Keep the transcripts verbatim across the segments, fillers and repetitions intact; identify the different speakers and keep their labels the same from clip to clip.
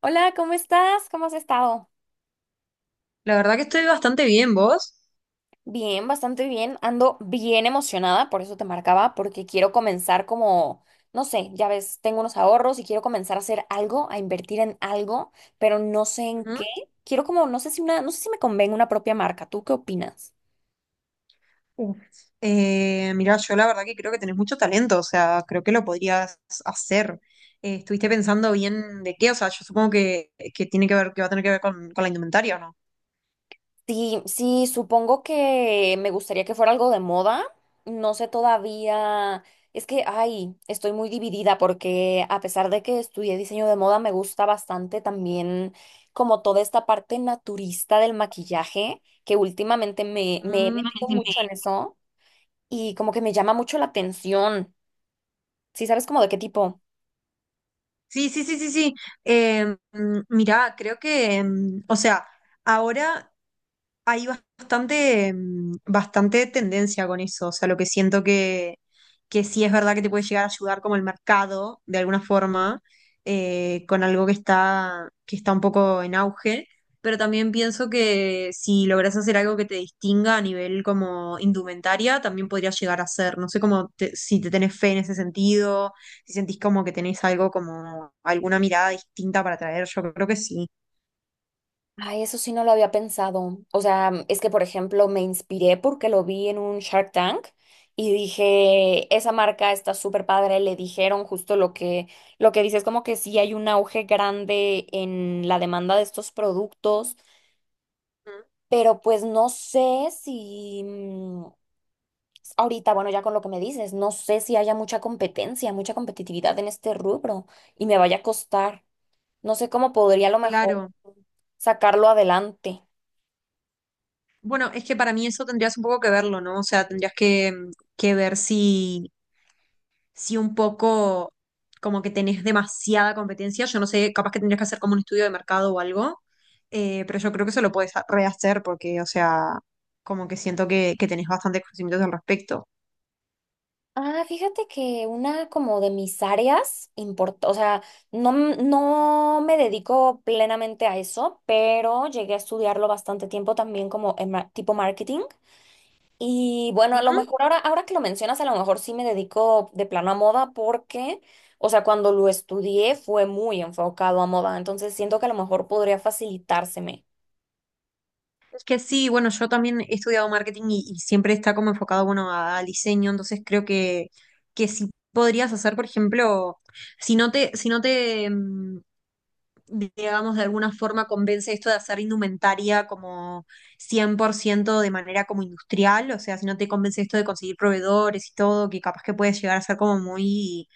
Speaker 1: Hola, ¿cómo estás? ¿Cómo has estado?
Speaker 2: La verdad que estoy bastante bien, vos.
Speaker 1: Bien, bastante bien. Ando bien emocionada, por eso te marcaba, porque quiero comenzar como, no sé, ya ves, tengo unos ahorros y quiero comenzar a hacer algo, a invertir en algo, pero no sé en
Speaker 2: Ujú.
Speaker 1: qué. Quiero como, no sé si una, no sé si me convenga una propia marca. ¿Tú qué opinas?
Speaker 2: Uf, Eh, mirá, yo la verdad que creo que tenés mucho talento, o sea, creo que lo podrías hacer. Eh, ¿estuviste pensando bien de qué? O sea, yo supongo que, que tiene que ver, que va a tener que ver con, con la indumentaria, ¿o no?
Speaker 1: Sí, sí, supongo que me gustaría que fuera algo de moda. No sé todavía. Es que, ay, estoy muy dividida porque a pesar de que estudié diseño de moda, me gusta bastante también como toda esta parte naturista del maquillaje, que últimamente me, me he
Speaker 2: Mm,
Speaker 1: metido mucho en
Speaker 2: entendí.
Speaker 1: eso y como que me llama mucho la atención. Sí, ¿sabes como de qué tipo?
Speaker 2: Sí, sí, sí, sí, sí. Eh, mm, mirá, creo que, mm, o sea, ahora hay bastante, mm, bastante tendencia con eso. O sea, lo que siento que, que sí es verdad que te puede llegar a ayudar como el mercado, de alguna forma, eh, con algo que está, que está un poco en auge. Pero también pienso que si logras hacer algo que te distinga a nivel como indumentaria, también podrías llegar a ser. No sé cómo te- si te tenés fe en ese sentido, si sentís como que tenés algo como alguna mirada distinta para traer. Yo creo que sí.
Speaker 1: Ay, eso sí no lo había pensado. O sea, mm, es que, por ejemplo, me inspiré porque lo vi en un Shark Tank y dije, esa marca está súper padre. Le dijeron justo lo que, lo que dices, como que sí hay un auge grande en la demanda de estos productos,
Speaker 2: Mm.
Speaker 1: pero pues no sé si mm, ahorita, bueno, ya con lo que me dices, no sé si haya mucha competencia, mucha competitividad en este rubro y me vaya a costar. No sé cómo podría a lo mejor
Speaker 2: Claro.
Speaker 1: sacarlo adelante.
Speaker 2: Bueno, es que para mí eso tendrías un poco que verlo, ¿no? O sea, tendrías que, que ver si, si un poco como que tenés demasiada competencia. Yo no sé, capaz que tendrías que hacer como un estudio de mercado o algo, eh, pero yo creo que eso lo puedes ha- rehacer porque, o sea, como que siento que, que tenés bastantes conocimientos al respecto.
Speaker 1: Ah, fíjate que una como de mis áreas importa, o sea, no, m- no me dedico plenamente a eso, pero llegué a estudiarlo bastante tiempo también como en ma- tipo marketing. Y bueno, a lo
Speaker 2: Ujú.
Speaker 1: mejor ahora, ahora que lo mencionas, a lo mejor sí me dedico de plano a moda porque, o sea, cuando lo estudié fue muy enfocado a moda, entonces siento que a lo mejor podría facilitárseme.
Speaker 2: Es que sí, bueno, yo también he estudiado marketing y, y siempre está como enfocado, bueno, a- al diseño, entonces creo que, que sí podrías hacer, por ejemplo, si no te, si no te, mm, digamos, de alguna forma convence esto de hacer indumentaria como cien por ciento de manera como industrial, o sea, si no te convence esto de conseguir proveedores y todo, que capaz que puedes llegar a ser como muy,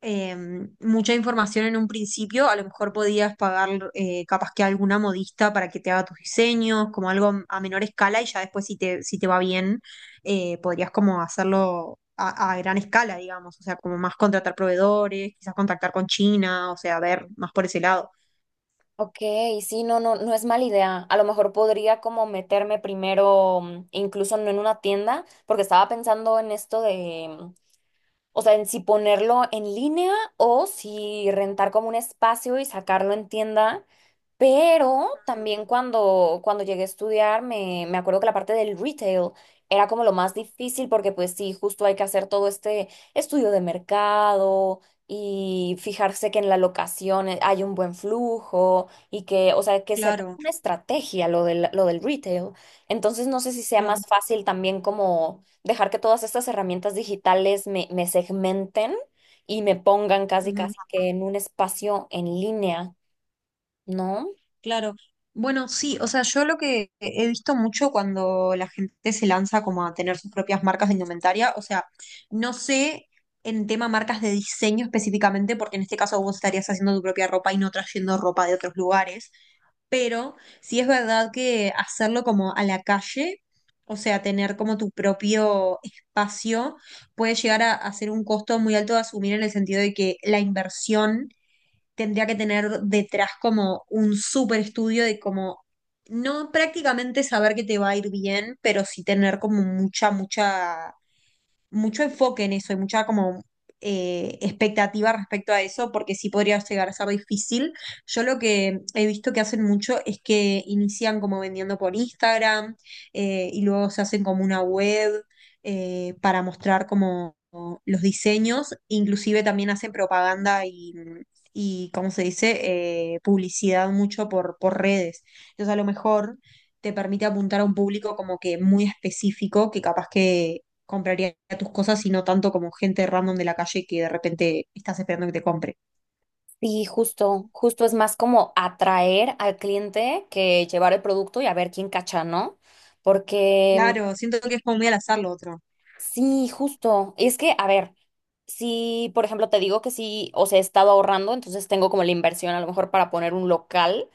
Speaker 2: eh, mucha información en un principio, a lo mejor podías pagar eh, capaz que a alguna modista para que te haga tus diseños, como algo a menor escala y ya después si te, si te va bien, eh, podrías como hacerlo. A, a gran escala, digamos, o sea, como más contratar proveedores, quizás contactar con China, o sea, ver más por ese lado.
Speaker 1: Ok, sí, no, no, no es mala idea. A lo mejor podría como meterme primero, mm, incluso no en una tienda, porque estaba pensando en esto de, mm, o sea, en si ponerlo en línea o si rentar como un espacio y sacarlo en tienda, pero también cuando, cuando llegué a estudiar, me, me acuerdo que la parte del retail era como lo más difícil porque pues sí, justo hay que hacer todo este estudio de mercado y fijarse que en la locación eh, hay un buen flujo y que, o sea, que sea toda
Speaker 2: Claro,
Speaker 1: una estrategia lo del, lo del retail. Entonces no sé si sea
Speaker 2: claro,
Speaker 1: más fácil también como dejar que todas estas herramientas digitales me, me segmenten y me pongan casi
Speaker 2: ujú,
Speaker 1: casi que en un espacio en línea, ¿no?
Speaker 2: claro. Bueno, sí, o sea, yo lo que he visto mucho cuando la gente se lanza como a tener sus propias marcas de indumentaria, o sea, no sé en tema marcas de diseño específicamente, porque en este caso vos estarías haciendo tu propia ropa y no trayendo ropa de otros lugares, pero sí es verdad que hacerlo como a la calle, o sea, tener como tu propio espacio, puede llegar a, a ser un costo muy alto de asumir en el sentido de que la inversión tendría que tener detrás como un súper estudio de como, no prácticamente saber que te va a ir bien, pero sí tener como mucha, mucha mucho enfoque en eso y mucha como eh, expectativa respecto a eso, porque sí podría llegar a ser difícil. Yo lo que he visto que hacen mucho es que inician como vendiendo por Instagram, eh, y luego se hacen como una web eh, para mostrar como los diseños, inclusive también hacen propaganda y... Y, ¿cómo se dice? eh, publicidad mucho por, por redes. Entonces, a lo mejor te permite apuntar a un público como que muy específico, que capaz que compraría tus cosas y no tanto como gente random de la calle que de repente estás esperando que te compre.
Speaker 1: Sí, justo, justo es más como atraer al cliente que llevar el producto y a ver quién cacha, ¿no? Porque mm,
Speaker 2: Claro, siento que es como muy al azar lo otro.
Speaker 1: sí, justo, es que, a ver, si por ejemplo te digo que sí, o sea, he estado ahorrando, entonces tengo como la inversión a lo mejor para poner un local.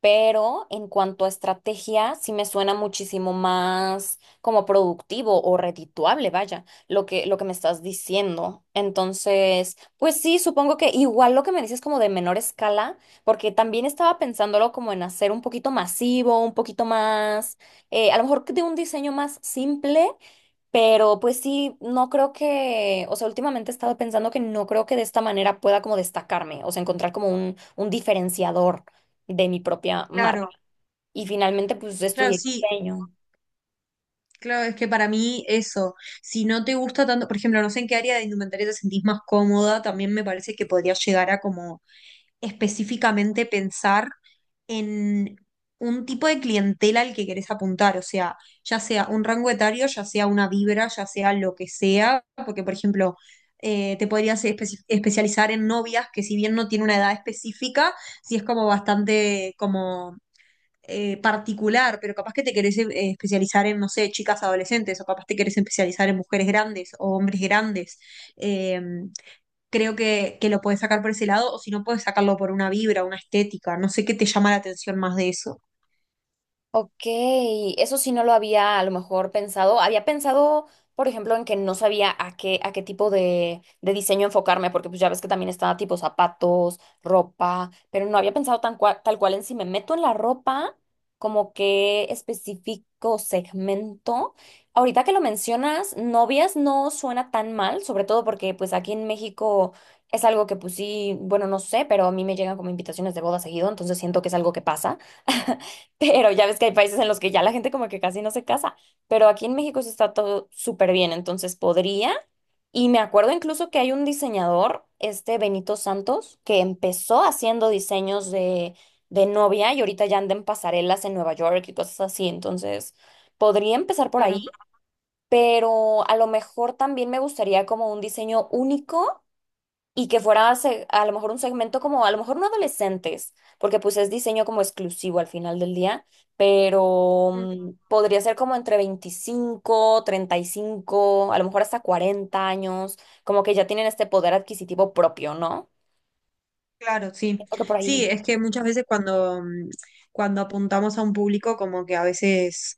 Speaker 1: Pero en cuanto a estrategia, sí me suena muchísimo más como productivo o redituable, vaya, lo que, lo que me estás diciendo. Entonces, pues sí, supongo que igual lo que me dices como de menor escala, porque también estaba pensándolo como en hacer un poquito masivo, un poquito más, eh, a lo mejor de un diseño más simple pero pues sí, no creo que, o sea, últimamente he estado pensando que no creo que de esta manera pueda como destacarme, o sea, encontrar como un, un diferenciador de mi propia
Speaker 2: Claro,
Speaker 1: marca. Y finalmente pues
Speaker 2: claro,
Speaker 1: estudié
Speaker 2: sí,
Speaker 1: diseño.
Speaker 2: claro, es que para mí eso, si no te gusta tanto, por ejemplo, no sé en qué área de indumentaria te sentís más cómoda, también me parece que podría llegar a como específicamente pensar en un tipo de clientela al que querés apuntar, o sea, ya sea un rango etario, ya sea una vibra, ya sea lo que sea, porque por ejemplo, eh, te podrías espe- especializar en novias que si bien no tiene una edad específica, sí es como bastante como eh, particular, pero capaz que te querés eh, especializar en, no sé, chicas adolescentes, o capaz te querés especializar en mujeres grandes o hombres grandes. Eh, creo que, que lo puedes sacar por ese lado, o si no, puedes sacarlo por una vibra, una estética. No sé qué te llama la atención más de eso.
Speaker 1: Ok, eso sí no lo había a lo mejor pensado. Había pensado, por ejemplo, en que no sabía a qué, a qué tipo de, de diseño enfocarme, porque pues ya ves que también está tipo zapatos, ropa, pero no había pensado tan cua- tal cual en si me meto en la ropa, como qué específico segmento. Ahorita que lo mencionas, novias no suena tan mal, sobre todo porque pues aquí en México es algo que pues sí, bueno, no sé, pero a mí me llegan como invitaciones de boda seguido, entonces siento que es algo que pasa. Pero ya ves que hay países en los que ya la gente como que casi no se casa, pero aquí en México eso está todo súper bien, entonces podría. Y me acuerdo incluso que hay un diseñador, este Benito Santos, que empezó haciendo diseños de, de novia y ahorita ya anda en pasarelas en Nueva York y cosas así, entonces podría empezar por
Speaker 2: Claro.
Speaker 1: ahí, pero a lo mejor también me gustaría como un diseño único y que fuera se- a lo mejor un segmento como, a lo mejor no adolescentes, porque pues es diseño como exclusivo al final del día, pero
Speaker 2: Mm.
Speaker 1: mm, podría ser como entre veinticinco treinta y cinco a lo mejor hasta cuarenta años, como que ya tienen este poder adquisitivo propio, ¿no?
Speaker 2: Claro, sí.
Speaker 1: Siento que por ahí
Speaker 2: Sí, es
Speaker 1: iría.
Speaker 2: que muchas veces cuando, mm, cuando apuntamos a un público, como que a veces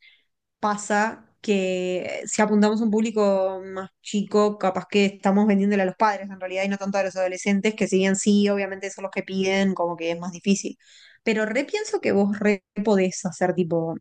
Speaker 2: pasa que si apuntamos a un público más chico, capaz que estamos vendiéndole a los padres en realidad y no tanto a los adolescentes, que si bien sí, obviamente son los que piden, como que es más difícil. Pero re pienso que vos re podés hacer tipo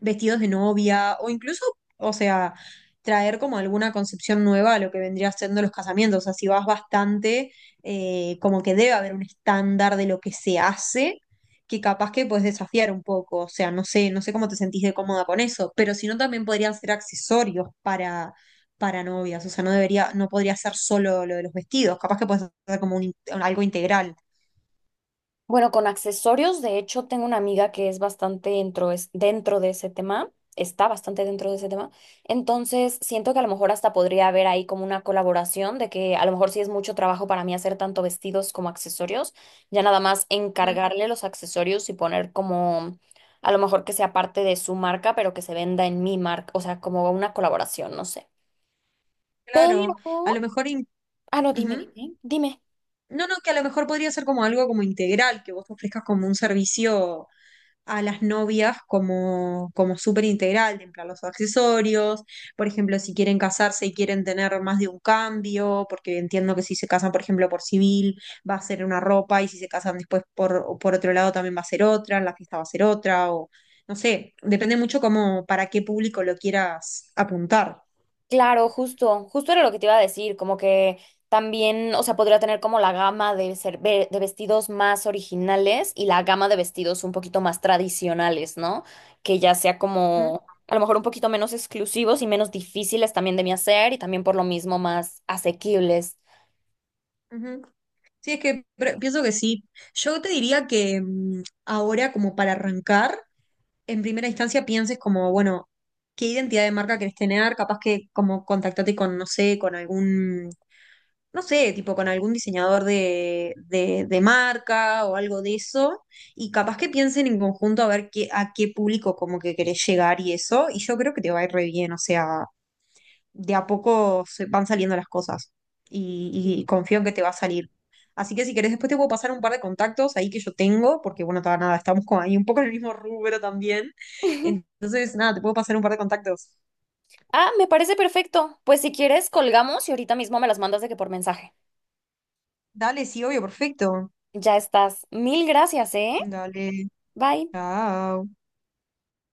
Speaker 2: vestidos de novia o incluso, o sea, traer como alguna concepción nueva a lo que vendría siendo los casamientos. O sea, si vas bastante, eh, como que debe haber un estándar de lo que se hace, que capaz que puedes desafiar un poco. O sea, no sé, no sé cómo te sentís de cómoda con eso, pero si no, también podrían ser accesorios para, para novias. O sea, no debería, no podría ser solo lo de los vestidos. Capaz que puedes hacer como un in- algo integral.
Speaker 1: Bueno, con accesorios, de hecho, tengo una amiga que es bastante dentro, es dentro de ese tema, está bastante dentro de ese tema. Entonces, siento que a lo mejor hasta podría haber ahí como una colaboración de que a lo mejor sí es mucho trabajo para mí hacer tanto vestidos como accesorios, ya nada más
Speaker 2: Mm.
Speaker 1: encargarle los accesorios y poner como a lo mejor que sea parte de su marca, pero que se venda en mi marca, o sea, como una colaboración, no sé.
Speaker 2: Claro, a lo
Speaker 1: Pero,
Speaker 2: mejor... in-
Speaker 1: ah, no, dime,
Speaker 2: ujú.
Speaker 1: dime, dime.
Speaker 2: No, no, que a lo mejor podría ser como algo como integral, que vos ofrezcas como un servicio a las novias como, como súper integral, de en plan los accesorios, por ejemplo, si quieren casarse y quieren tener más de un cambio, porque entiendo que si se casan, por ejemplo, por civil, va a ser una ropa, y si se casan después por, o por otro lado también va a ser otra, en la fiesta va a ser otra, o no sé, depende mucho como para qué público lo quieras apuntar.
Speaker 1: Claro, justo, justo era lo que te iba a decir, como que también, o sea, podría tener como la gama de ser, ve- de vestidos más originales y la gama de vestidos un poquito más tradicionales, ¿no? Que ya sea
Speaker 2: ¿Mm?
Speaker 1: como a lo mejor un poquito menos exclusivos y menos difíciles también de mi hacer y también por lo mismo más asequibles.
Speaker 2: Ujú. Sí, es que pre- pienso que sí. Yo te diría que mm, ahora, como para arrancar, en primera instancia pienses como, bueno, qué identidad de marca querés tener, capaz que como contactate con, no sé, con algún, no sé, tipo con algún diseñador de, de, de marca o algo de eso, y capaz que piensen en conjunto a ver qué, a qué público como que querés llegar y eso, y yo creo que te va a ir re bien, o sea, de a poco se van saliendo las cosas y, y confío en que te va a salir. Así que si querés, después te puedo pasar un par de contactos ahí que yo tengo, porque bueno, ta- nada, estamos como ahí un poco en el mismo rubro también. Entonces, nada, te puedo pasar un par de contactos.
Speaker 1: Ah, me parece perfecto. Pues si quieres, colgamos y ahorita mismo me las mandas de que por mensaje.
Speaker 2: Dale, sí, obvio, perfecto.
Speaker 1: Ya estás. Mil gracias, ¿eh?
Speaker 2: Dale,
Speaker 1: Bye.
Speaker 2: chao.